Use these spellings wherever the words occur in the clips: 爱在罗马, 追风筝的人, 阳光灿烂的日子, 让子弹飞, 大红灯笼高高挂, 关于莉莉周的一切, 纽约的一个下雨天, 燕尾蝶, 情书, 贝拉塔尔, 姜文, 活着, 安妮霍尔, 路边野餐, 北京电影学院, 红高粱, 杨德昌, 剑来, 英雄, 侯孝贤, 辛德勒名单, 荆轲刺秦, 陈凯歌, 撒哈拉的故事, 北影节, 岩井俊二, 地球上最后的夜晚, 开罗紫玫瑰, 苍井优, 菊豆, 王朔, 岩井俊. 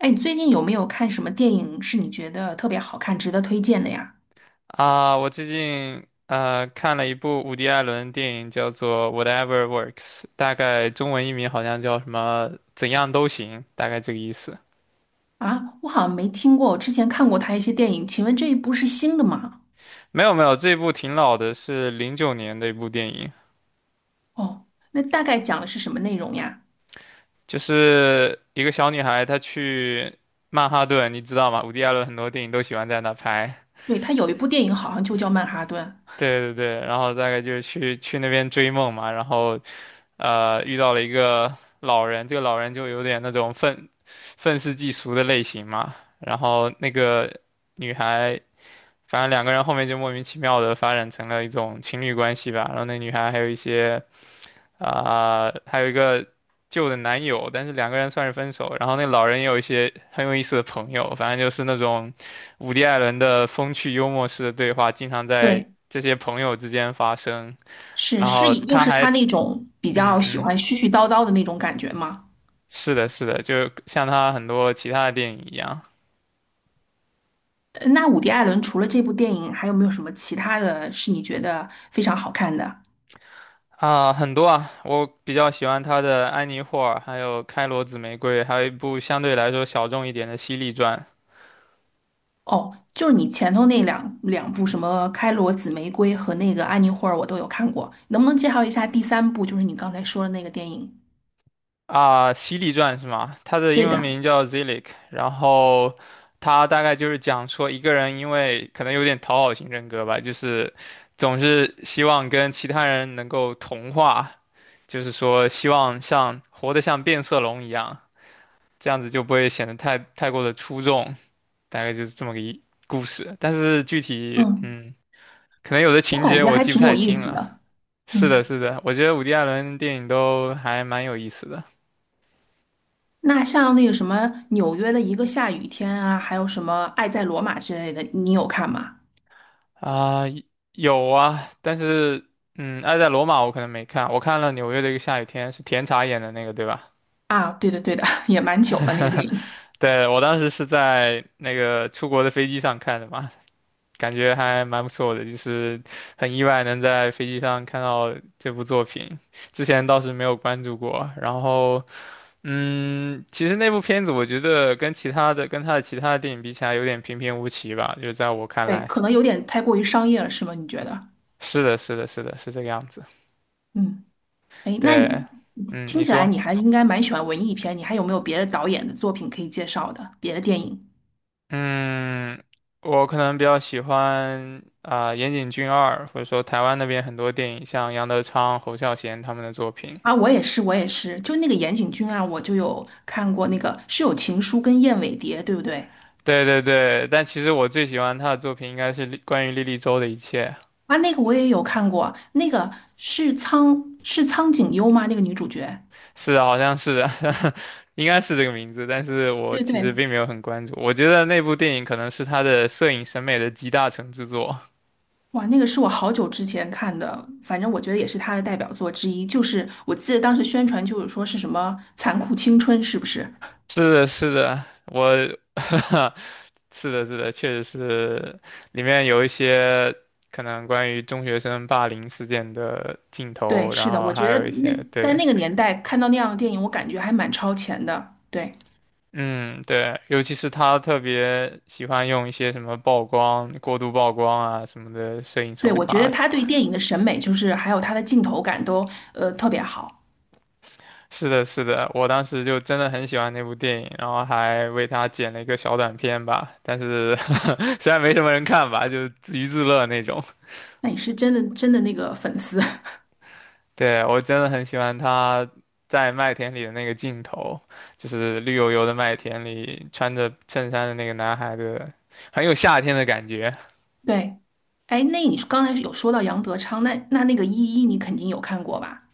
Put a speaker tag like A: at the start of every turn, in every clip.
A: 哎，你最近有没有看什么电影是你觉得特别好看、值得推荐的呀？
B: 啊，我最近看了一部伍迪·艾伦的电影，叫做《Whatever Works》，大概中文译名好像叫什么“怎样都行”，大概这个意思。
A: 啊，我好像没听过，我之前看过他一些电影，请问这一部是新的吗？
B: 没有没有，这部挺老的，是09年的一部电影，
A: 哦，那大概讲的是什么内容呀？
B: 就是一个小女孩她去曼哈顿，你知道吗？伍迪·艾伦很多电影都喜欢在那拍。
A: 对，他有一部电影好像就叫《曼哈顿》。
B: 对对对，然后大概就是去那边追梦嘛，然后遇到了一个老人，这个老人就有点那种愤世嫉俗的类型嘛。然后那个女孩，反正两个人后面就莫名其妙的发展成了一种情侣关系吧。然后那女孩还有一些还有一个旧的男友，但是两个人算是分手。然后那老人也有一些很有意思的朋友，反正就是那种伍迪·艾伦的风趣幽默式的对话，经常在
A: 对，
B: 这些朋友之间发生。
A: 是
B: 然
A: 是
B: 后
A: 以，又
B: 他
A: 是
B: 还，
A: 他那种比
B: 嗯
A: 较喜
B: 嗯。
A: 欢絮絮叨叨的那种感觉吗？
B: 是的，是的，就像他很多其他的电影一样。
A: 那伍迪·艾伦除了这部电影，还有没有什么其他的是你觉得非常好看的？
B: 啊，很多啊，我比较喜欢他的《安妮霍尔》，还有《开罗紫玫瑰》，还有一部相对来说小众一点的《犀利传》。
A: 哦，就是你前头那两部什么《开罗紫玫瑰》和那个《安妮霍尔》，我都有看过。能不能介绍一下第三部，就是你刚才说的那个电影？
B: 啊，《犀利传》是吗？它的
A: 对
B: 英文
A: 的，
B: 名叫 Zilic，然后它大概就是讲说一个人因为可能有点讨好型人格吧，就是总是希望跟其他人能够同化，就是说希望像活得像变色龙一样，这样子就不会显得太过的出众。大概就是这么个故事。但是具体，
A: 嗯，
B: 可能有的
A: 我
B: 情
A: 感
B: 节
A: 觉
B: 我
A: 还
B: 记不
A: 挺有
B: 太
A: 意
B: 清
A: 思
B: 了。
A: 的。
B: 是的，
A: 嗯，
B: 是的，我觉得伍迪·艾伦电影都还蛮有意思的。
A: 那像那个什么纽约的一个下雨天啊，还有什么《爱在罗马》之类的，你有看吗？
B: 啊、有啊，但是，嗯，爱在罗马我可能没看，我看了《纽约的一个下雨天》，是甜茶演的那个，对吧？
A: 啊，对的对的，也蛮久了那个电影。
B: 对，我当时是在那个出国的飞机上看的嘛，感觉还蛮不错的，就是很意外能在飞机上看到这部作品，之前倒是没有关注过。然后其实那部片子我觉得跟他的其他的电影比起来，有点平平无奇吧，就在我看
A: 对，
B: 来。
A: 可能有点太过于商业了，是吗？你觉得？
B: 是的，是的，是的，是这个样子。
A: 嗯。哎，那你
B: 对，嗯，
A: 听
B: 你
A: 起来
B: 说，
A: 你还应该蛮喜欢文艺片，你还有没有别的导演的作品可以介绍的？别的电影。
B: 嗯，我可能比较喜欢岩井俊二，或者说台湾那边很多电影，像杨德昌、侯孝贤他们的作品。
A: 啊，我也是，我也是，就那个岩井俊啊，我就有看过那个是有《情书》跟《燕尾蝶》，对不对？
B: 对对对，但其实我最喜欢他的作品应该是关于莉莉周的一切。
A: 啊，那个我也有看过，那个是苍井优吗？那个女主角？
B: 是的，好像是应该是这个名字，但是我
A: 对
B: 其实
A: 对。
B: 并没有很关注。我觉得那部电影可能是他的摄影审美的集大成之作。
A: 哇，那个是我好久之前看的，反正我觉得也是她的代表作之一，就是我记得当时宣传就是说是什么残酷青春，是不是？
B: 是的，是的，我，是的，是的，确实是，里面有一些可能关于中学生霸凌事件的镜
A: 对，
B: 头，然
A: 是的，
B: 后
A: 我
B: 还
A: 觉得
B: 有一
A: 那
B: 些，
A: 在
B: 对，
A: 那个年代看到那样的电影，我感觉还蛮超前的。对，
B: 嗯，对，尤其是他特别喜欢用一些什么曝光、过度曝光啊什么的摄影
A: 对，
B: 手
A: 我觉得
B: 法。
A: 他对电影的审美，就是还有他的镜头感都特别好。
B: 是的，是的，我当时就真的很喜欢那部电影，然后还为它剪了一个小短片吧，但是 虽然没什么人看吧，就自娱自乐那种。
A: 那你是真的真的那个粉丝，
B: 对，我真的很喜欢他在麦田里的那个镜头，就是绿油油的麦田里穿着衬衫的那个男孩的，很有夏天的感觉。
A: 对。哎，那你刚才有说到杨德昌，那那个《一一》你肯定有看过吧？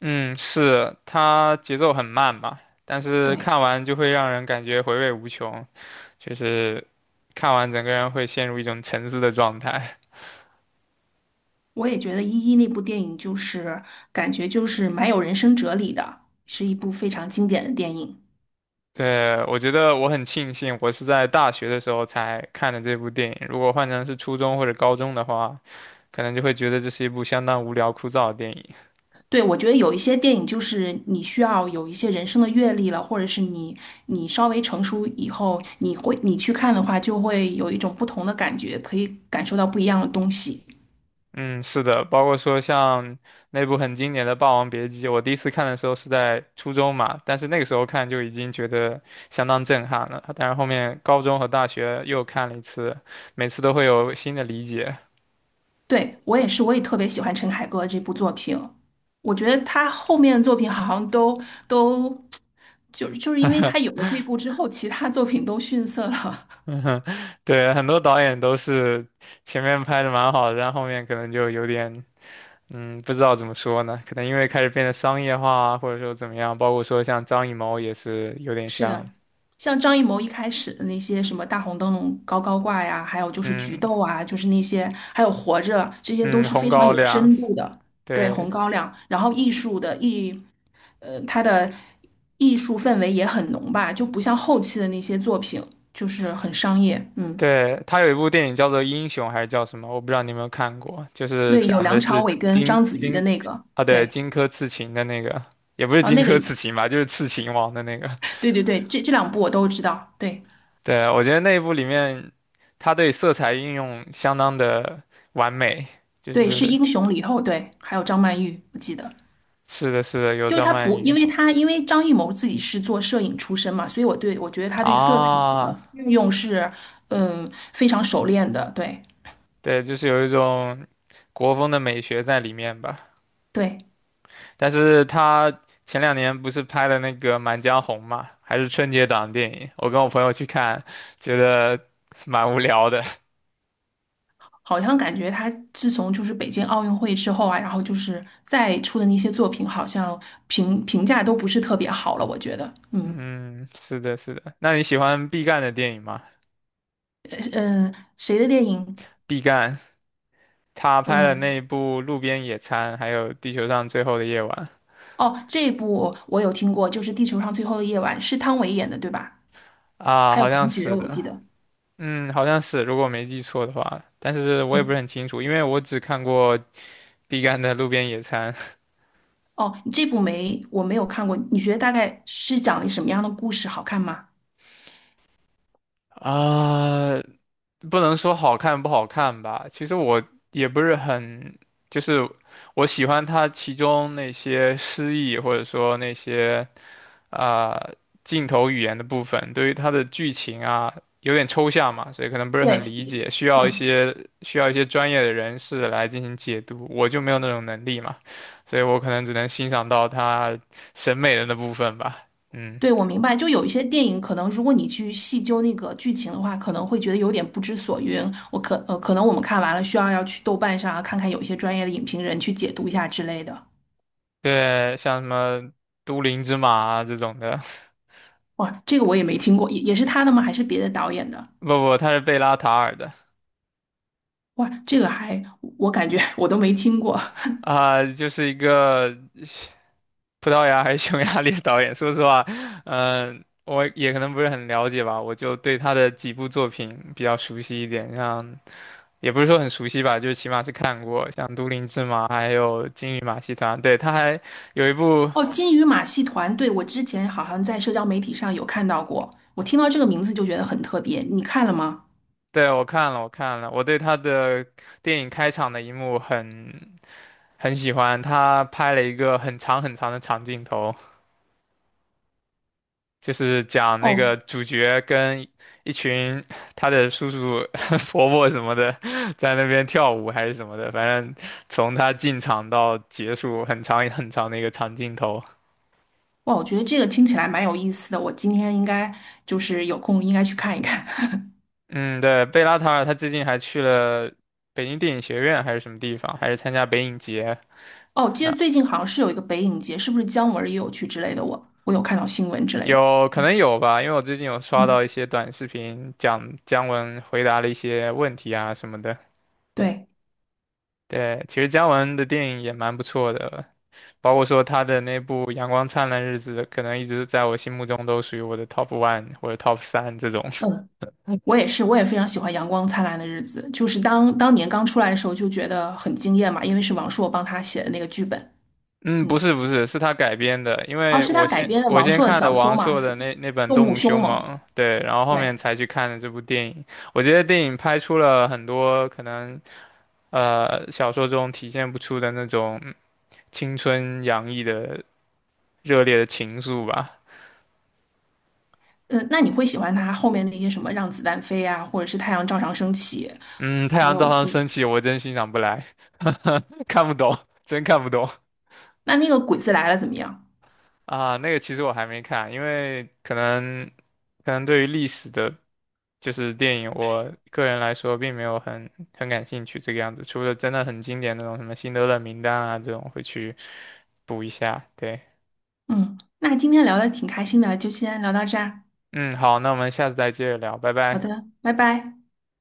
B: 嗯，是，他节奏很慢吧，但是
A: 对，
B: 看完就会让人感觉回味无穷，就是看完整个人会陷入一种沉思的状态。
A: 我也觉得《一一》那部电影就是感觉就是蛮有人生哲理的，是一部非常经典的电影。
B: 对，我觉得我很庆幸，我是在大学的时候才看的这部电影。如果换成是初中或者高中的话，可能就会觉得这是一部相当无聊枯燥的电影。
A: 对，我觉得有一些电影就是你需要有一些人生的阅历了，或者是你稍微成熟以后，你去看的话，就会有一种不同的感觉，可以感受到不一样的东西。
B: 嗯，是的，包括说像那部很经典的《霸王别姬》，我第一次看的时候是在初中嘛，但是那个时候看就已经觉得相当震撼了。但是后面高中和大学又看了一次，每次都会有新的理解。
A: 对，我也是，我也特别喜欢陈凯歌这部作品。我觉得他后面的作品好像都都 就是因为他有了这部之后，其他作品都逊色了。
B: 嗯哼。对，很多导演都是前面拍的蛮好的，但后面可能就有点。嗯，不知道怎么说呢，可能因为开始变得商业化啊，或者说怎么样，包括说像张艺谋也是有点
A: 是
B: 像。
A: 的，像张艺谋一开始的那些什么大红灯笼高高挂呀，还有就是菊
B: 嗯
A: 豆啊，就是那些，还有活着，这些都
B: 嗯，
A: 是
B: 红
A: 非常
B: 高
A: 有
B: 粱，
A: 深度的。对，红
B: 对
A: 高粱，然后艺术的艺，他的艺术氛围也很浓吧，就不像后期的那些作品，就是很商业。嗯，
B: 对，他有一部电影叫做《英雄》还是叫什么，我不知道你有没有看过，就是
A: 对，有
B: 讲
A: 梁
B: 的
A: 朝
B: 是
A: 伟跟章子怡的那个。
B: 啊，对，
A: 对。
B: 荆轲刺秦的那个，也不是
A: 啊，
B: 荆
A: 那个，
B: 轲刺秦吧，就是刺秦王的那个，
A: 对对对，这两部我都知道。对
B: 对，我觉得那一部里面，他对色彩运用相当的完美，就
A: 对，是
B: 是
A: 英雄里以后，对，还有张曼玉，我记得。
B: 是的是的，有
A: 就是
B: 张
A: 他
B: 曼
A: 不，因
B: 玉。
A: 为他因为张艺谋自己是做摄影出身嘛，所以我觉得他对色彩
B: 啊。
A: 的运用是，嗯，非常熟练的。对
B: 对，就是有一种国风的美学在里面吧。
A: 对，
B: 但是他前两年不是拍了那个《满江红》嘛，还是春节档电影，我跟我朋友去看，觉得蛮无聊的。
A: 好像感觉他自从就是北京奥运会之后啊，然后就是再出的那些作品，好像评价都不是特别好了。我觉得，嗯。
B: 嗯，是的，是的。那你喜欢毕赣的电影吗？
A: 嗯，谁的电影？
B: 毕赣他拍了那一
A: 嗯。
B: 部《路边野餐》，还有《地球上最后的夜晚》。
A: 哦，这一部我有听过，就是《地球上最后的夜晚》，是汤唯演的，对吧？
B: 啊，
A: 还有
B: 好像
A: 王珏，
B: 是
A: 我
B: 的，
A: 记得。
B: 嗯，好像是，如果我没记错的话，但是我也不是
A: 嗯。
B: 很清楚，因为我只看过毕赣的《路边野餐》。
A: 哦，这部没，我没有看过。你觉得大概是讲了什么样的故事？好看吗？
B: 啊，不能说好看不好看吧，其实我也不是很，就是我喜欢它其中那些诗意或者说那些啊、呃镜头语言的部分，对于它的剧情啊有点抽象嘛，所以可能不是很
A: 对，
B: 理解，
A: 嗯，
B: 需要一些专业的人士来进行解读，我就没有那种能力嘛，所以我可能只能欣赏到它审美的那部分吧，嗯，
A: 对，我明白。就有一些电影，可能如果你去细究那个剧情的话，可能会觉得有点不知所云。可能我们看完了，要去豆瓣上啊，看看有一些专业的影评人去解读一下之类的。
B: 对，像什么都灵之马啊这种的。
A: 哇，这个我也没听过，也是他的吗？还是别的导演的？
B: 不不，他是贝拉塔尔的。
A: 哇，这个还我感觉 我都没听过。
B: 就是一个葡萄牙还是匈牙利的导演。说实话，我也可能不是很了解吧，我就对他的几部作品比较熟悉一点，像也不是说很熟悉吧，就是起码是看过，像《都灵之马》还有《金鱼马戏团》。对，他还有一部，
A: 哦，金鱼马戏团，对，我之前好像在社交媒体上有看到过，我听到这个名字就觉得很特别，你看了吗？
B: 对，我看了，我看了，我对他的电影开场的一幕很喜欢，他拍了一个很长很长的长镜头。就是讲那
A: 哦。
B: 个主角跟一群他的叔叔、伯伯什么的在那边跳舞还是什么的，反正从他进场到结束很长很长的一个长镜头。
A: 哇，我觉得这个听起来蛮有意思的，我今天应该就是有空应该去看一看。
B: 嗯，对，贝拉塔尔他最近还去了北京电影学院还是什么地方，还是参加北影节。
A: 哦，记得
B: 啊，
A: 最近好像是有一个北影节，是不是姜文儿也有去之类的？我有看到新闻之类的。
B: 有可能
A: 嗯，
B: 有吧，因为我最近有刷到
A: 嗯
B: 一些短视频讲姜文回答了一些问题啊什么的。
A: 对，
B: 对，其实姜文的电影也蛮不错的，包括说他的那部《阳光灿烂日子》，可能一直在我心目中都属于我的 top 1 或者 top 三这种。
A: 嗯，我也是，我也非常喜欢《阳光灿烂的日子》，就是当年刚出来的时候就觉得很惊艳嘛，因为是王朔帮他写的那个剧本。
B: 嗯，不
A: 嗯。
B: 是不是，是他改编的，因
A: 哦，
B: 为
A: 是他改编的
B: 我
A: 王
B: 先
A: 朔的
B: 看了
A: 小说
B: 王
A: 吗？
B: 朔
A: 是
B: 的那本
A: 《动
B: 《动
A: 物
B: 物凶
A: 凶猛》。
B: 猛》，对，然后后
A: 对，
B: 面才去看的这部电影。我觉得电影拍出了很多可能小说中体现不出的那种青春洋溢的热烈的情愫吧。
A: 嗯，那你会喜欢他后面那些什么《让子弹飞》啊，或者是《太阳照常升起》，
B: 嗯，太
A: 还
B: 阳照
A: 有
B: 常
A: 就
B: 升起，我真欣赏不来，看不懂，真看不懂。
A: 那那个《鬼子来了》怎么样？
B: 啊，那个其实我还没看，因为可能对于历史的，就是电影，我个人来说并没有很感兴趣这个样子，除了真的很经典那种什么《辛德勒名单》啊这种会去补一下。对，
A: 嗯，那今天聊的挺开心的，就先聊到这儿。
B: 嗯，好，那我们下次再接着聊，拜
A: 好
B: 拜。
A: 的，拜拜。